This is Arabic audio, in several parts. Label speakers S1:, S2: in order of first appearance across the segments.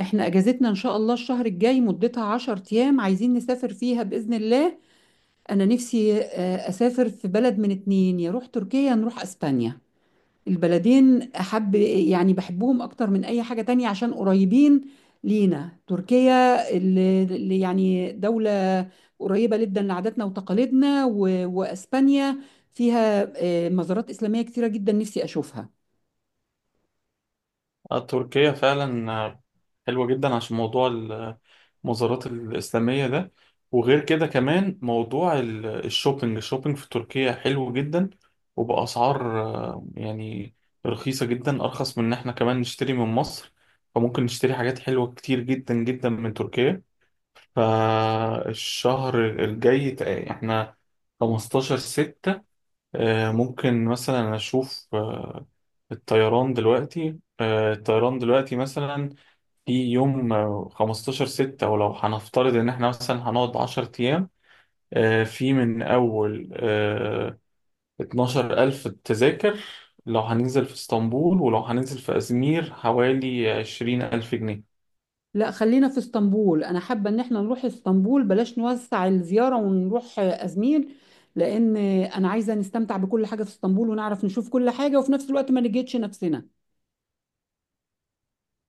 S1: احنا اجازتنا ان شاء الله الشهر الجاي مدتها 10 ايام، عايزين نسافر فيها باذن الله. انا نفسي اسافر في بلد من اتنين، يا روح تركيا يا نروح اسبانيا. البلدين احب يعني بحبهم اكتر من اي حاجة تانية عشان قريبين لينا. تركيا اللي يعني دولة قريبة جدا لعاداتنا وتقاليدنا واسبانيا فيها مزارات اسلامية كتيرة جدا نفسي اشوفها.
S2: تركيا فعلا حلوة جدا عشان موضوع المزارات الإسلامية ده، وغير كده كمان موضوع الشوبينج في تركيا حلو جدا، وبأسعار يعني رخيصة جدا، أرخص من إن إحنا كمان نشتري من مصر. فممكن نشتري حاجات حلوة كتير جدا جدا من تركيا. فالشهر الجاي إحنا 15 6. ممكن مثلا أشوف الطيران دلوقتي مثلا في يوم 15 ستة، ولو هنفترض إن إحنا مثلا هنقعد 10 أيام. في من أول 12 ألف تذاكر لو هننزل في اسطنبول، ولو هننزل في أزمير حوالي 20 ألف جنيه.
S1: لا، خلينا في اسطنبول، انا حابه ان احنا نروح اسطنبول، بلاش نوسع الزياره ونروح ازمير، لان انا عايزه نستمتع بكل حاجه في اسطنبول ونعرف نشوف كل حاجه وفي نفس الوقت ما نجهدش نفسنا.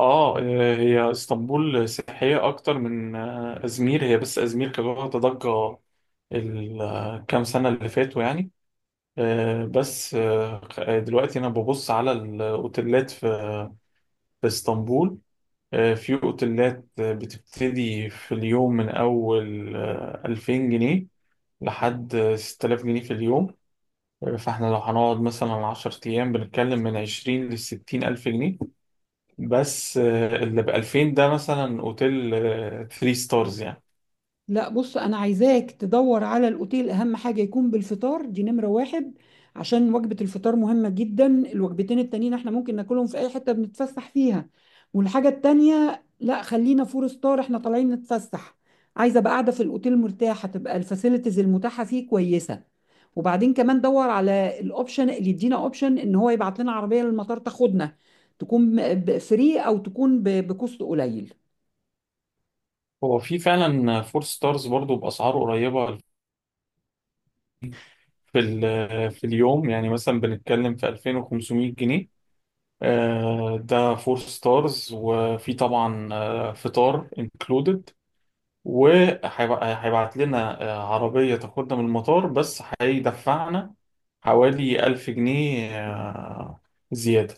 S2: هي اسطنبول سياحية أكتر من أزمير، هي بس أزمير كانت واخدة ضجة الكام سنة اللي فاتوا يعني. بس دلوقتي انا ببص على الاوتيلات في اسطنبول. في اوتيلات بتبتدي في اليوم من اول 2000 جنيه لحد 6000 جنيه في اليوم. فاحنا لو هنقعد مثلا 10 ايام بنتكلم من 20 ل 60 الف جنيه، بس اللي ب 2000 ده مثلا اوتيل 3 ستارز يعني.
S1: لا بص، انا عايزاك تدور على الاوتيل، اهم حاجه يكون بالفطار، دي نمره واحد عشان وجبه الفطار مهمه جدا، الوجبتين التانيين احنا ممكن ناكلهم في اي حته بنتفسح فيها. والحاجه التانيه، لا خلينا فور ستار، احنا طالعين نتفسح، عايزه ابقى قاعده في الاوتيل مرتاحه، تبقى الفاسيلتيز المتاحه فيه كويسه. وبعدين كمان دور على الاوبشن اللي يدينا اوبشن ان هو يبعت لنا عربيه للمطار تاخدنا، تكون فري او تكون بكوست قليل.
S2: هو في فعلا 4 ستارز برضو باسعار قريبه، في اليوم يعني مثلا بنتكلم في 2500 جنيه. ده فور ستارز، وفي طبعا فطار انكلودد، وهيبعت لنا عربية تاخدنا من المطار، بس هيدفعنا حوالي ألف جنيه زيادة.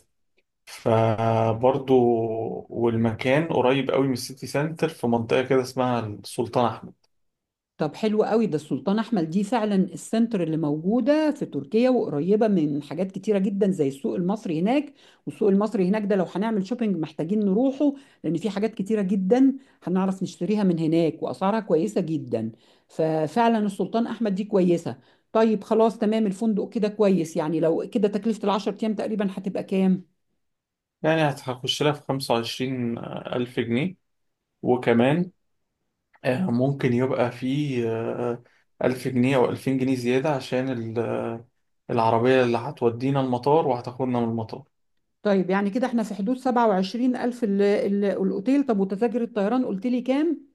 S2: فبرضو والمكان قريب قوي من السيتي سنتر، في منطقة كده اسمها السلطان أحمد.
S1: طب حلو قوي ده، السلطان احمد دي فعلا السنتر اللي موجوده في تركيا، وقريبه من حاجات كتيره جدا زي السوق المصري هناك. والسوق المصري هناك ده، لو هنعمل شوبينج محتاجين نروحه، لان في حاجات كتيره جدا هنعرف نشتريها من هناك واسعارها كويسه جدا. ففعلا السلطان احمد دي كويسه. طيب خلاص، تمام الفندق كده كويس. يعني لو كده تكلفه العشر ايام تقريبا هتبقى كام؟
S2: يعني هتخش لها في خمسة وعشرين ألف جنيه، وكمان ممكن يبقى فيه ألف جنيه أو ألفين جنيه زيادة عشان العربية اللي هتودينا المطار وهتاخدنا من المطار.
S1: طيب يعني كده احنا في حدود 27000 الاوتيل. طب وتذاكر الطيران قلت لي كام؟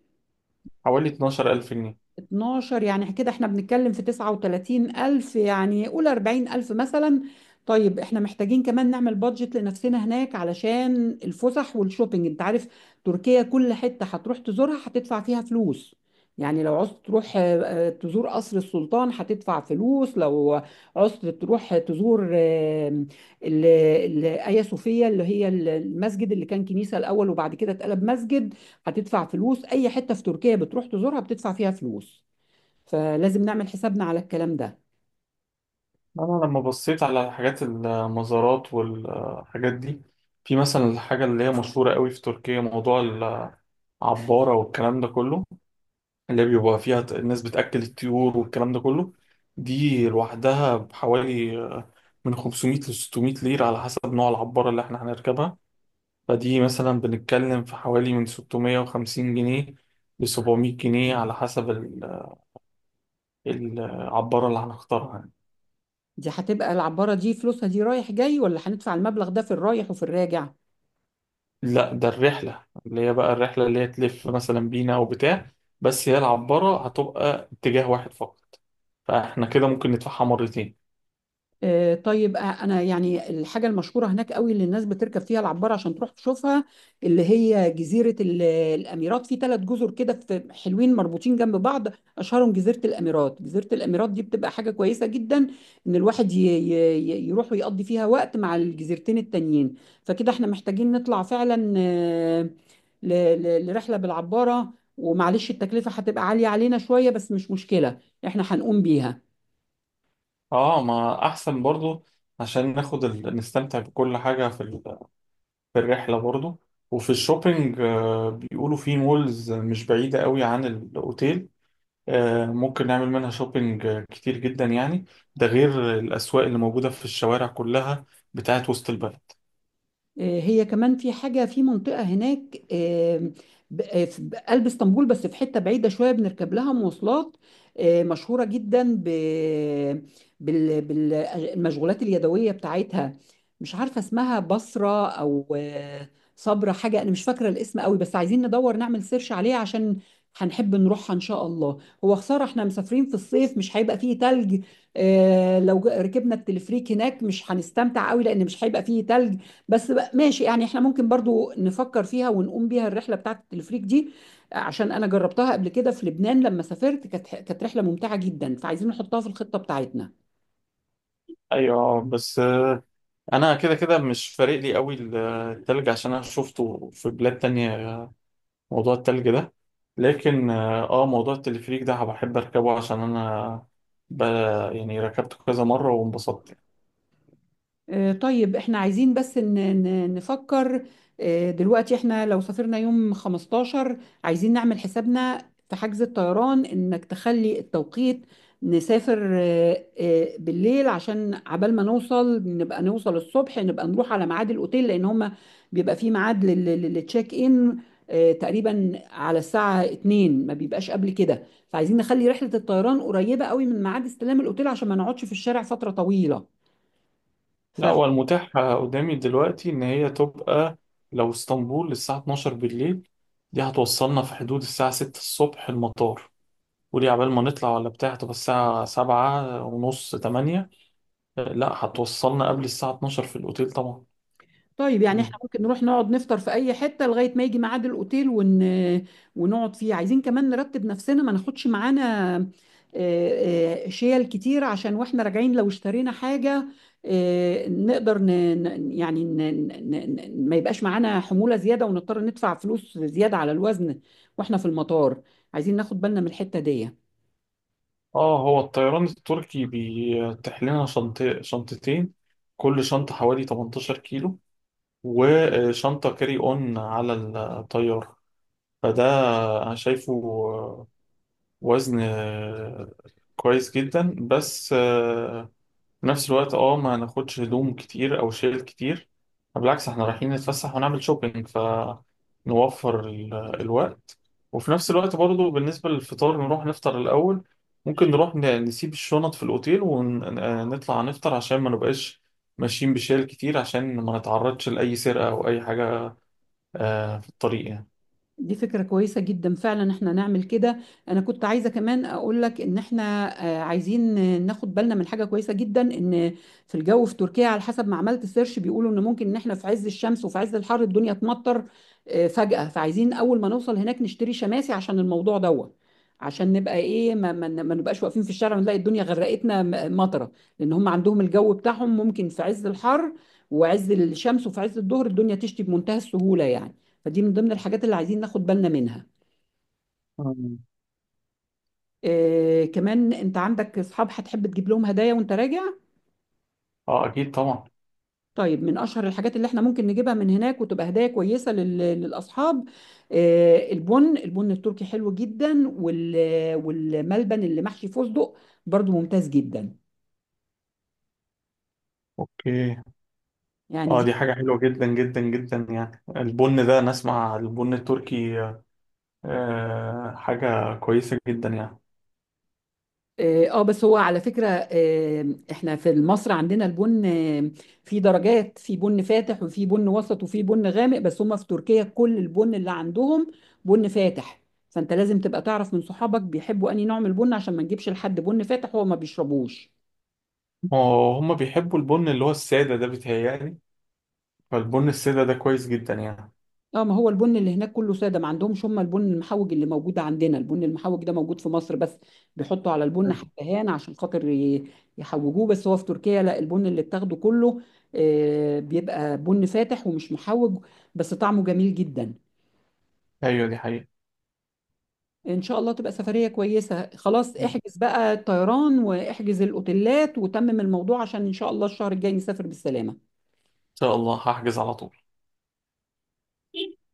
S2: حوالي اتناشر ألف جنيه.
S1: 12، يعني كده احنا بنتكلم في 39 ألف، يعني قول 40 ألف مثلا. طيب احنا محتاجين كمان نعمل بادجت لنفسنا هناك علشان الفسح والشوبينج. انت عارف تركيا كل حتة هتروح تزورها هتدفع فيها فلوس. يعني لو عوزت تروح تزور قصر السلطان هتدفع فلوس. لو عوزت تروح تزور آيا صوفيا اللي هي المسجد اللي كان كنيسة الأول وبعد كده اتقلب مسجد، هتدفع فلوس. اي حته في تركيا بتروح تزورها بتدفع فيها فلوس، فلازم نعمل حسابنا على الكلام ده.
S2: أنا لما بصيت على حاجات المزارات والحاجات دي، في مثلا الحاجة اللي هي مشهورة قوي في تركيا، موضوع العبارة والكلام ده كله اللي بيبقى فيها الناس بتأكل الطيور والكلام ده كله. دي لوحدها بحوالي من 500 ل 600 ليرة على حسب نوع العبارة اللي احنا هنركبها. فدي مثلا بنتكلم في حوالي من 650 جنيه ل 700 جنيه على حسب العبارة اللي هنختارها يعني.
S1: دي هتبقى العباره دي فلوسها دي رايح جاي، ولا هندفع المبلغ ده في الرايح وفي الراجع؟
S2: لا، ده الرحلة اللي هي بقى الرحلة اللي هي تلف مثلا بينا أو بتاع، بس هي العبارة هتبقى اتجاه واحد فقط، فاحنا كده ممكن ندفعها مرتين.
S1: طيب، انا يعني الحاجه المشهوره هناك قوي اللي الناس بتركب فيها العباره عشان تروح تشوفها، اللي هي جزيره الاميرات. في ثلاث جزر كده في حلوين مربوطين جنب بعض، اشهرهم جزيره الاميرات. جزيره الاميرات دي بتبقى حاجه كويسه جدا، ان الواحد يروح ويقضي فيها وقت مع الجزيرتين التانيين. فكده احنا محتاجين نطلع فعلا ل- لرحله بالعباره، ومعلش التكلفه هتبقى عاليه علينا شويه بس مش مشكله، احنا هنقوم بيها.
S2: اه، ما أحسن برضو عشان ناخد نستمتع بكل حاجة في الرحلة برضو. وفي الشوبينج بيقولوا في مولز مش بعيدة قوي عن الأوتيل، ممكن نعمل منها شوبينج كتير جدا يعني، ده غير الأسواق اللي موجودة في الشوارع كلها بتاعت وسط البلد.
S1: هي كمان في حاجة في منطقة هناك في قلب اسطنبول، بس في حتة بعيدة شوية بنركب لها مواصلات، مشهورة جدا ب بالمشغولات اليدوية بتاعتها. مش عارفة اسمها بصرة أو صبرة حاجة، أنا مش فاكرة الاسم قوي، بس عايزين ندور نعمل سيرش عليها عشان هنحب نروحها إن شاء الله. هو خسارة احنا مسافرين في الصيف مش هيبقى فيه تلج. لو ركبنا التلفريك هناك مش هنستمتع قوي لأن مش هيبقى فيه تلج. بس بقى ماشي، يعني احنا ممكن برضو نفكر فيها ونقوم بيها الرحله بتاعه التلفريك دي، عشان انا جربتها قبل كده في لبنان لما سافرت، كانت رحله ممتعه جدا، فعايزين نحطها في الخطه بتاعتنا.
S2: أيوة، بس أنا كده كده مش فارق لي قوي التلج، عشان أنا شفته في بلاد تانية موضوع التلج ده. لكن موضوع التلفريك ده بحب أركبه عشان أنا ب... يعني ركبته كذا مرة وانبسطت.
S1: طيب، احنا عايزين بس نفكر. دلوقتي احنا لو سافرنا يوم 15، عايزين نعمل حسابنا في حجز الطيران انك تخلي التوقيت نسافر بالليل، عشان عبال ما نوصل نبقى نوصل الصبح نبقى نروح على ميعاد الاوتيل، لان هما بيبقى فيه ميعاد للتشيك ان تقريبا على الساعة 2، ما بيبقاش قبل كده. فعايزين نخلي رحلة الطيران قريبة قوي من ميعاد استلام الاوتيل عشان ما نقعدش في الشارع فترة طويلة.
S2: لا، هو المتاح قدامي دلوقتي إن هي تبقى لو اسطنبول للساعة 12 بالليل، دي هتوصلنا في حدود الساعة 6 الصبح المطار، ودي عبال ما نطلع ولا بتاع تبقى الساعة 7 ونص 8. لا، هتوصلنا قبل الساعة 12 في الأوتيل طبعا.
S1: طيب يعني احنا
S2: مم.
S1: ممكن نروح نقعد نفطر في اي حتة لغاية ما يجي ميعاد الاوتيل ونقعد فيه. عايزين كمان نرتب نفسنا ما ناخدش معانا شيل كتير، عشان واحنا راجعين لو اشترينا حاجة نقدر يعني ما يبقاش معانا حمولة زيادة ونضطر ندفع فلوس زيادة على الوزن واحنا في المطار. عايزين ناخد بالنا من الحتة دي.
S2: اه، هو الطيران التركي بيتيح لنا شنطتين، كل شنطة حوالي 18 كيلو، وشنطة كاري اون على الطيارة. فده انا شايفه وزن كويس جدا، بس في نفس الوقت اه ما ناخدش هدوم كتير او شيل كتير، بالعكس احنا رايحين نتفسح ونعمل شوبينج، فنوفر الوقت. وفي نفس الوقت برضو، بالنسبة للفطار نروح نفطر الأول، ممكن نروح نسيب الشنط في الأوتيل ونطلع نفطر عشان ما نبقاش ماشيين بشيل كتير، عشان ما نتعرضش لأي سرقة أو أي حاجة في الطريق يعني.
S1: دي فكرة كويسة جدا، فعلا احنا نعمل كده. انا كنت عايزة كمان اقول لك ان احنا عايزين ناخد بالنا من حاجة كويسة جدا، ان في الجو في تركيا على حسب ما عملت سيرش بيقولوا ان ممكن ان احنا في عز الشمس وفي عز الحر الدنيا تمطر فجأة، فعايزين اول ما نوصل هناك نشتري شماسي عشان الموضوع دوت، عشان نبقى ايه ما نبقاش واقفين في الشارع ونلاقي الدنيا غرقتنا مطرة. لان هم عندهم الجو بتاعهم ممكن في عز الحر وعز الشمس وفي عز الظهر الدنيا تشتي بمنتهى السهولة يعني. فدي من ضمن الحاجات اللي عايزين ناخد بالنا منها.
S2: مم.
S1: آه، كمان انت عندك اصحاب هتحب تجيب لهم هدايا وانت راجع.
S2: اه، أكيد طبعا.
S1: طيب من اشهر الحاجات اللي احنا ممكن نجيبها من هناك وتبقى هدايا كويسه للاصحاب، البن التركي حلو جدا، والملبن اللي محشي فستق برضو ممتاز جدا
S2: اوكي.
S1: يعني.
S2: اه، دي حاجة حلوة جدا جدا جدا، يعني البن ده نسمع البن التركي حاجة كويسة جدا يعني.
S1: اه، بس هو على فكرة احنا في مصر عندنا البن في درجات، في بن فاتح وفي بن وسط وفي بن غامق، بس هم في تركيا كل البن اللي عندهم بن فاتح. فانت لازم تبقى تعرف من صحابك بيحبوا انهي نوع من البن عشان ما نجيبش لحد بن فاتح هو ما بيشربوش.
S2: هما بيحبوا البن اللي هو السادة ده بيتهيألي، فالبن السادة ده كويس جدا يعني.
S1: اه، ما هو البن اللي هناك كله ساده، ما عندهمش هم البن المحوج اللي موجود عندنا، البن المحوج ده موجود في مصر بس، بيحطوا على البن حبهان عشان خاطر يحوجوه. بس هو في تركيا لا، البن اللي بتاخده كله بيبقى بن فاتح ومش محوج، بس طعمه جميل جدا.
S2: ايوه، دي حقيقة.
S1: ان شاء الله تبقى سفريه كويسه، خلاص
S2: ان
S1: احجز بقى الطيران واحجز الاوتيلات وتمم الموضوع عشان ان شاء الله الشهر الجاي نسافر بالسلامه.
S2: شاء الله هحجز على طول.